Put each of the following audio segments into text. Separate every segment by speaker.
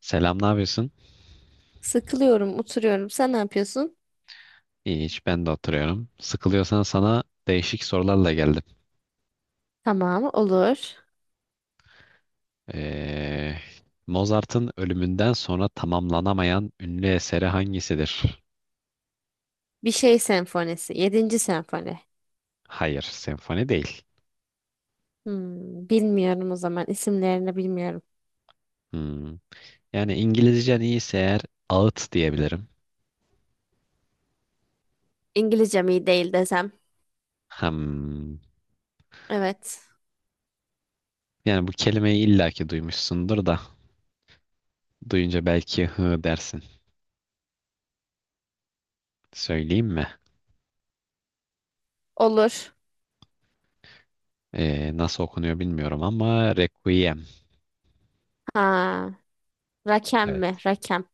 Speaker 1: Selam, ne yapıyorsun?
Speaker 2: Sıkılıyorum, oturuyorum. Sen ne yapıyorsun?
Speaker 1: İyi, hiç ben de oturuyorum. Sıkılıyorsan sana değişik sorularla geldim.
Speaker 2: Tamam, olur.
Speaker 1: Ee, Mozart'ın ölümünden sonra tamamlanamayan ünlü eseri hangisidir?
Speaker 2: Bir şey senfonisi. Yedinci senfoni.
Speaker 1: Hayır, senfoni değil.
Speaker 2: Bilmiyorum o zaman. İsimlerini bilmiyorum.
Speaker 1: Hmm. Yani İngilizcen iyiyse eğer ağıt diyebilirim.
Speaker 2: İngilizcem iyi değil desem.
Speaker 1: Hmm.
Speaker 2: Evet.
Speaker 1: Yani bu kelimeyi illaki duymuşsundur da duyunca belki hı dersin. Söyleyeyim mi?
Speaker 2: Olur.
Speaker 1: Nasıl okunuyor bilmiyorum ama Requiem.
Speaker 2: Ha, Rakem mi?
Speaker 1: Evet.
Speaker 2: Rakem.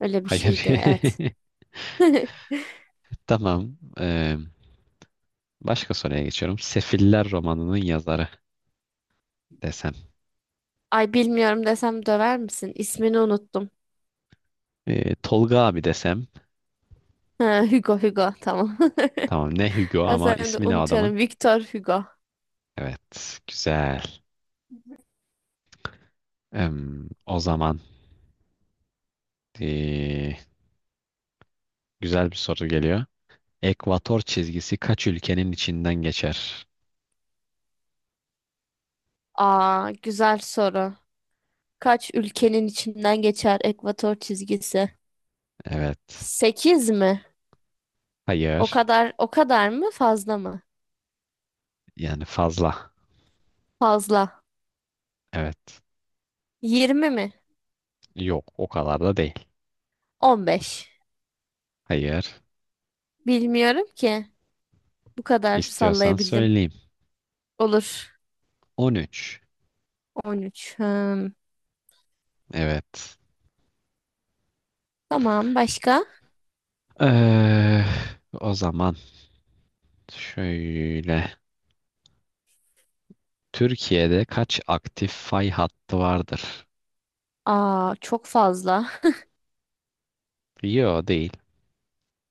Speaker 2: Öyle bir
Speaker 1: Hayır.
Speaker 2: şeydi. Evet.
Speaker 1: Tamam. Başka soruya geçiyorum. Sefiller romanının yazarı desem.
Speaker 2: Ay bilmiyorum desem döver misin? İsmini unuttum.
Speaker 1: Tolga abi desem.
Speaker 2: Ha, Hugo, Hugo. Tamam.
Speaker 1: Tamam ne Hugo,
Speaker 2: Ha,
Speaker 1: ama
Speaker 2: sen de
Speaker 1: ismi ne adamın?
Speaker 2: unutuyorum. Victor Hugo.
Speaker 1: Evet, güzel. O zaman ee, güzel bir soru geliyor. Ekvator çizgisi kaç ülkenin içinden geçer?
Speaker 2: Aa, güzel soru. Kaç ülkenin içinden geçer ekvator çizgisi?
Speaker 1: Evet.
Speaker 2: 8 mi? O
Speaker 1: Hayır.
Speaker 2: kadar o kadar mı fazla mı?
Speaker 1: Yani fazla.
Speaker 2: Fazla.
Speaker 1: Evet.
Speaker 2: 20 mi?
Speaker 1: Yok, o kadar da değil.
Speaker 2: 15.
Speaker 1: Hayır.
Speaker 2: Bilmiyorum ki. Bu kadar
Speaker 1: İstiyorsan
Speaker 2: sallayabildim.
Speaker 1: söyleyeyim.
Speaker 2: Olur.
Speaker 1: 13.
Speaker 2: 13. Hmm.
Speaker 1: Evet.
Speaker 2: Tamam başka?
Speaker 1: Ee, o zaman şöyle. Türkiye'de kaç aktif fay hattı vardır?
Speaker 2: Aa çok fazla.
Speaker 1: Yo, değil.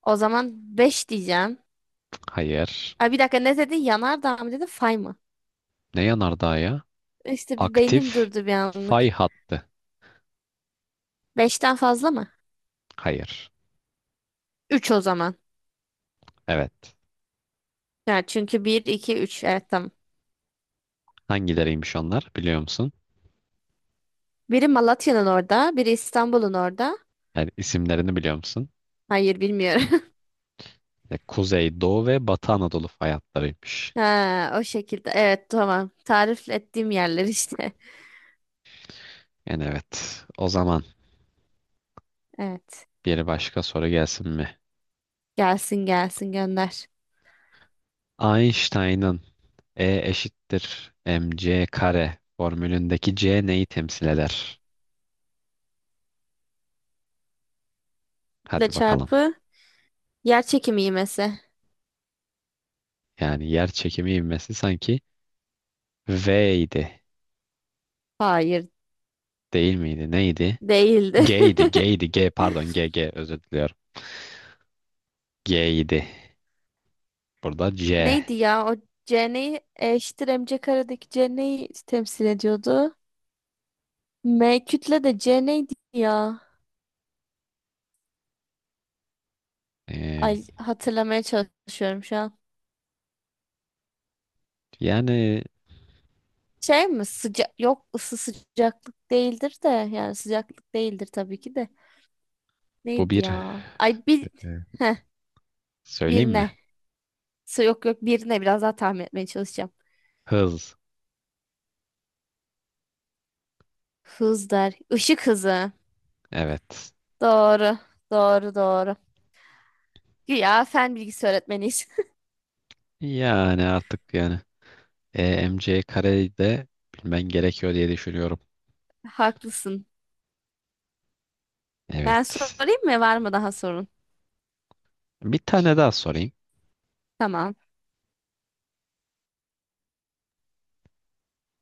Speaker 2: O zaman beş diyeceğim.
Speaker 1: Hayır.
Speaker 2: Ay bir dakika ne dedin? Yanardağ mı dedin? Fay mı?
Speaker 1: Ne yanardağı ya?
Speaker 2: İşte bir beynim
Speaker 1: Aktif
Speaker 2: durdu bir anlık.
Speaker 1: fay hattı.
Speaker 2: Beşten fazla mı?
Speaker 1: Hayır.
Speaker 2: 3 o zaman.
Speaker 1: Evet.
Speaker 2: Yani çünkü bir 2 üç. Evet, tamam.
Speaker 1: Hangileriymiş onlar, biliyor musun?
Speaker 2: Biri Malatya'nın orada, biri İstanbul'un orada.
Speaker 1: Yani isimlerini biliyor musun?
Speaker 2: Hayır, bilmiyorum.
Speaker 1: Kuzey, Doğu ve Batı Anadolu fay hatlarıymış.
Speaker 2: Ha, o şekilde. Evet, tamam. Tarif ettiğim yerler işte.
Speaker 1: Yani evet. O zaman
Speaker 2: Evet.
Speaker 1: bir başka soru gelsin mi?
Speaker 2: Gelsin gelsin gönder.
Speaker 1: Einstein'ın E eşittir mc kare formülündeki C neyi temsil eder?
Speaker 2: Kütle
Speaker 1: Hadi bakalım.
Speaker 2: çarpı yer çekimi ivmesi.
Speaker 1: Yani yer çekimi ivmesi sanki V'ydi.
Speaker 2: Hayır,
Speaker 1: Değil miydi? Neydi?
Speaker 2: değildi.
Speaker 1: G'ydi. G'ydi. G, pardon. G özür diliyorum. G'ydi. Burada C.
Speaker 2: Neydi ya? O C neyi eşittir MC karedeki C neyi temsil ediyordu? M kütle, de C neydi ya?
Speaker 1: Ee,
Speaker 2: Ay, hatırlamaya çalışıyorum şu an.
Speaker 1: yani
Speaker 2: Şey mi? Sıcak, yok, ısı, sıcaklık değildir de, yani sıcaklık değildir tabii ki de.
Speaker 1: bu
Speaker 2: Neydi
Speaker 1: bir.
Speaker 2: ya? Ay bir.
Speaker 1: Evet.
Speaker 2: Heh, bir
Speaker 1: Söyleyeyim
Speaker 2: ne?
Speaker 1: mi?
Speaker 2: Yok, yok, birine biraz daha tahmin etmeye çalışacağım.
Speaker 1: Hız.
Speaker 2: Hız der. Işık hızı.
Speaker 1: Evet.
Speaker 2: Doğru. Doğru doğru. Güya fen bilgisi öğretmeniyiz.
Speaker 1: Yani artık, yani EMC kareyi de bilmen gerekiyor diye düşünüyorum.
Speaker 2: Haklısın. Ben
Speaker 1: Evet.
Speaker 2: sorayım mı? Var mı daha sorun?
Speaker 1: Bir tane daha sorayım.
Speaker 2: Tamam.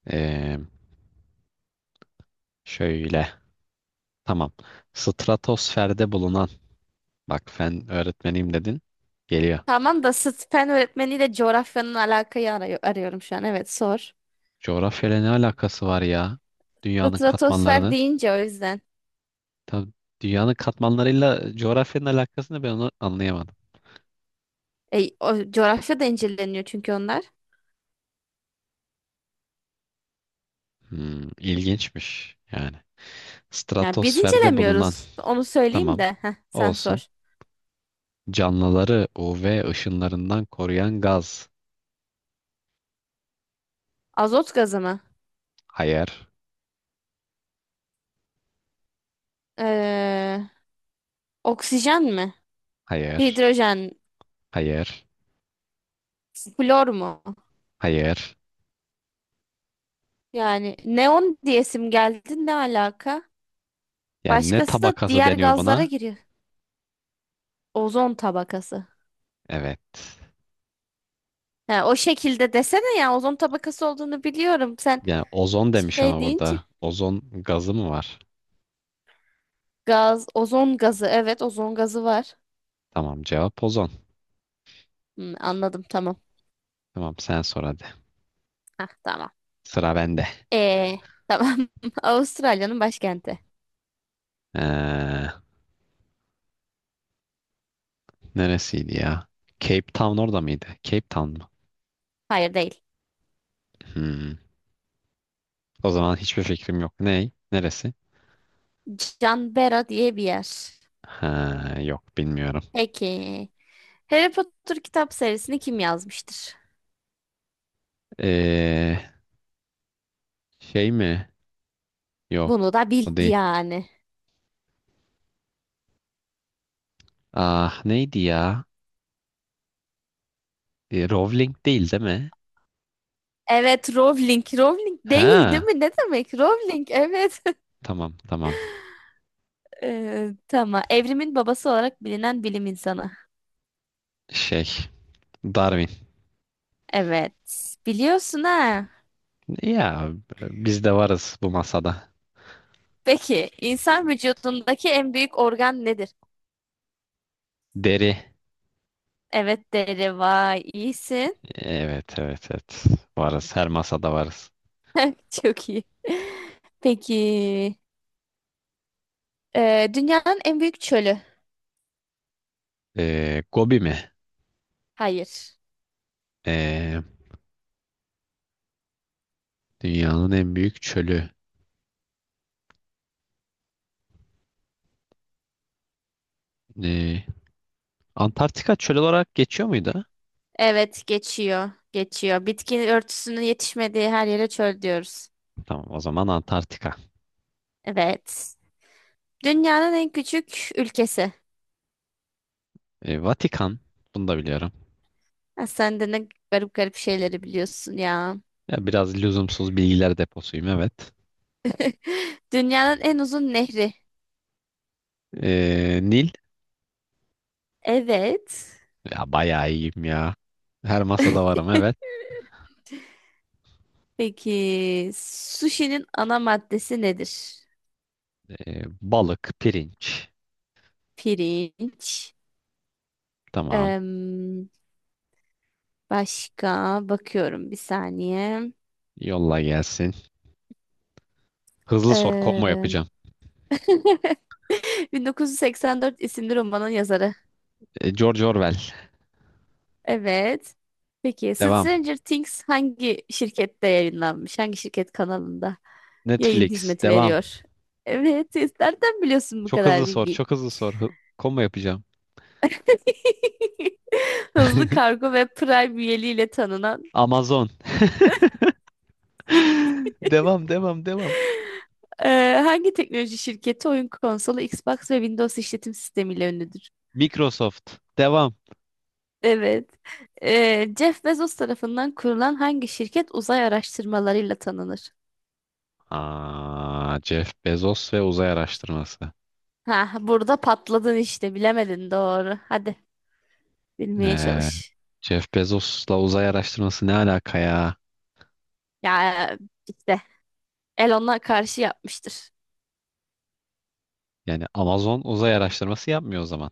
Speaker 1: Ee, şöyle. Tamam. Stratosferde bulunan. Bak, fen öğretmeniyim dedin. Geliyor.
Speaker 2: Tamam da sıt fen öğretmeniyle coğrafyanın alakayı arıyorum şu an. Evet, sor.
Speaker 1: Coğrafyayla ne alakası var ya? Dünyanın
Speaker 2: Stratosfer
Speaker 1: katmanlarını.
Speaker 2: deyince o yüzden.
Speaker 1: Tabii, dünyanın katmanlarıyla coğrafyanın alakasını ben onu anlayamadım.
Speaker 2: E, o, coğrafya da inceleniyor çünkü onlar.
Speaker 1: Hmm, ilginçmiş yani.
Speaker 2: Yani biz
Speaker 1: Stratosferde bulunan,
Speaker 2: incelemiyoruz. Onu söyleyeyim
Speaker 1: tamam
Speaker 2: de. Heh, sen
Speaker 1: olsun.
Speaker 2: sor.
Speaker 1: Canlıları UV ışınlarından koruyan gaz.
Speaker 2: Azot gazı mı?
Speaker 1: Hayır,
Speaker 2: Ee, oksijen mi?
Speaker 1: hayır,
Speaker 2: Hidrojen.
Speaker 1: hayır,
Speaker 2: Flor mu?
Speaker 1: hayır.
Speaker 2: Yani neon diyesim geldi, ne alaka?
Speaker 1: Yani ne
Speaker 2: Başkası da
Speaker 1: tabakası
Speaker 2: diğer
Speaker 1: deniyor
Speaker 2: gazlara
Speaker 1: buna?
Speaker 2: giriyor. Ozon tabakası.
Speaker 1: Evet.
Speaker 2: Ha, o şekilde desene ya, ozon tabakası olduğunu biliyorum. Sen
Speaker 1: Yani ozon demiş
Speaker 2: şey
Speaker 1: ama
Speaker 2: deyince
Speaker 1: burada. Ozon gazı mı var?
Speaker 2: gaz, ozon gazı. Evet, ozon gazı var.
Speaker 1: Tamam, cevap ozon.
Speaker 2: Anladım, tamam.
Speaker 1: Tamam, sen sor hadi.
Speaker 2: Hah, tamam.
Speaker 1: Sıra bende.
Speaker 2: Ee, tamam. Avustralya'nın başkenti.
Speaker 1: Ee, neresiydi ya? Cape Town orada mıydı? Cape Town mı?
Speaker 2: Hayır, değil.
Speaker 1: Hmm. O zaman hiçbir fikrim yok. Ney? Neresi?
Speaker 2: Canberra diye bir yer.
Speaker 1: Ha, yok, bilmiyorum.
Speaker 2: Peki. Harry Potter kitap serisini kim yazmıştır?
Speaker 1: Ee, şey mi?
Speaker 2: Bunu
Speaker 1: Yok.
Speaker 2: da bil
Speaker 1: O değil.
Speaker 2: yani.
Speaker 1: Ah, neydi ya? Rowling, değil değil mi?
Speaker 2: Evet, Rowling. Rowling değil, değil
Speaker 1: Ha,
Speaker 2: mi? Ne demek? Rowling, evet.
Speaker 1: tamam, tamam.
Speaker 2: Tamam. Evrimin babası olarak bilinen bilim insanı.
Speaker 1: Şey, Darwin.
Speaker 2: Evet. Biliyorsun ha.
Speaker 1: Ya, biz de varız bu masada.
Speaker 2: Peki, insan vücudundaki en büyük organ nedir?
Speaker 1: Deri.
Speaker 2: Evet, deri. Vay, iyisin.
Speaker 1: Evet, evet, evet. Varız. Her masada varız.
Speaker 2: Çok iyi. Peki, dünyanın en büyük çölü.
Speaker 1: Gobi mi?
Speaker 2: Hayır.
Speaker 1: Ee, Dünyanın en büyük çölü. Ee, Antarktika çöl olarak geçiyor muydu?
Speaker 2: Evet, geçiyor. Geçiyor. Bitki örtüsünün yetişmediği her yere çöl diyoruz.
Speaker 1: Tamam, o zaman Antarktika.
Speaker 2: Evet. Dünyanın en küçük ülkesi.
Speaker 1: Vatikan. Bunu da biliyorum.
Speaker 2: Ya sen de ne garip garip şeyleri biliyorsun ya.
Speaker 1: Ya, biraz lüzumsuz bilgiler deposuyum, evet.
Speaker 2: Dünyanın en uzun nehri.
Speaker 1: Nil.
Speaker 2: Evet.
Speaker 1: Ya, bayağı iyiyim ya. Her masada varım, evet.
Speaker 2: Peki, sushi'nin ana maddesi nedir?
Speaker 1: Balık, pirinç.
Speaker 2: Pirinç.
Speaker 1: Tamam.
Speaker 2: Em, başka bakıyorum bir saniye.
Speaker 1: Yolla, gelsin. Hızlı sor, combo
Speaker 2: Em,
Speaker 1: yapacağım.
Speaker 2: 1984 isimli romanın yazarı.
Speaker 1: George Orwell.
Speaker 2: Evet. Peki
Speaker 1: Devam.
Speaker 2: Stranger Things hangi şirkette yayınlanmış? Hangi şirket kanalında yayın
Speaker 1: Netflix.
Speaker 2: hizmeti
Speaker 1: Devam.
Speaker 2: veriyor? Evet. Nereden biliyorsun bu
Speaker 1: Çok
Speaker 2: kadar
Speaker 1: hızlı sor.
Speaker 2: bilgiyi?
Speaker 1: Çok hızlı sor. Combo yapacağım.
Speaker 2: Hızlı Kargo ve Prime üyeliğiyle tanınan
Speaker 1: Amazon. Devam, devam, devam.
Speaker 2: hangi teknoloji şirketi oyun konsolu, Xbox ve Windows işletim sistemiyle ünlüdür?
Speaker 1: Microsoft. Devam.
Speaker 2: Evet. Jeff Bezos tarafından kurulan hangi şirket uzay araştırmalarıyla tanınır?
Speaker 1: Jeff Bezos ve uzay araştırması.
Speaker 2: Ha, burada patladın işte, bilemedin, doğru. Hadi. Bilmeye
Speaker 1: Ee,
Speaker 2: çalış.
Speaker 1: Jeff Bezos'la uzay araştırması ne alaka ya?
Speaker 2: Ya, işte Elon'a karşı yapmıştır.
Speaker 1: Yani Amazon uzay araştırması yapmıyor o zaman.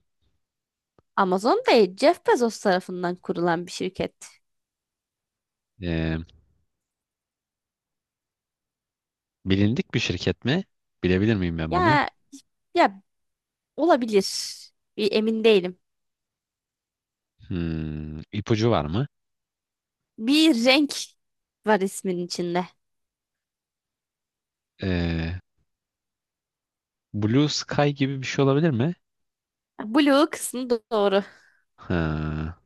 Speaker 2: Amazon değil, Jeff Bezos tarafından kurulan bir şirket.
Speaker 1: Ee, bilindik bir şirket mi? Bilebilir miyim ben bunu?
Speaker 2: Ya, ya, olabilir. Bir, emin değilim.
Speaker 1: Hmm, ipucu var mı?
Speaker 2: Bir renk var ismin içinde.
Speaker 1: Ee, Blue Sky gibi bir şey olabilir mi?
Speaker 2: Blue kısmı doğru.
Speaker 1: Ha,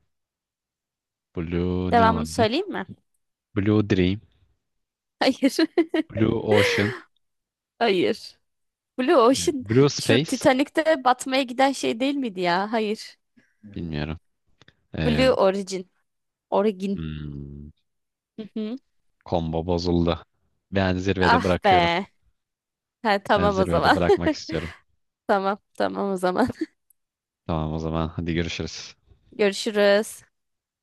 Speaker 1: Blue ne
Speaker 2: Devamını
Speaker 1: olabilir?
Speaker 2: söyleyeyim mi?
Speaker 1: Blue Dream,
Speaker 2: Hayır.
Speaker 1: Blue Ocean,
Speaker 2: Hayır. Blue Ocean
Speaker 1: Blue
Speaker 2: şu
Speaker 1: Space.
Speaker 2: Titanic'te batmaya giden şey değil miydi ya? Hayır.
Speaker 1: Bilmiyorum. Ee,
Speaker 2: Blue Origin. Origin.
Speaker 1: hmm,
Speaker 2: Hı hı.
Speaker 1: Combo bozuldu. Ben zirvede
Speaker 2: Ah
Speaker 1: bırakıyorum.
Speaker 2: be. Ha,
Speaker 1: Ben
Speaker 2: tamam o
Speaker 1: zirvede
Speaker 2: zaman.
Speaker 1: bırakmak istiyorum.
Speaker 2: Tamam, tamam o zaman.
Speaker 1: Tamam, o zaman hadi görüşürüz.
Speaker 2: Görüşürüz.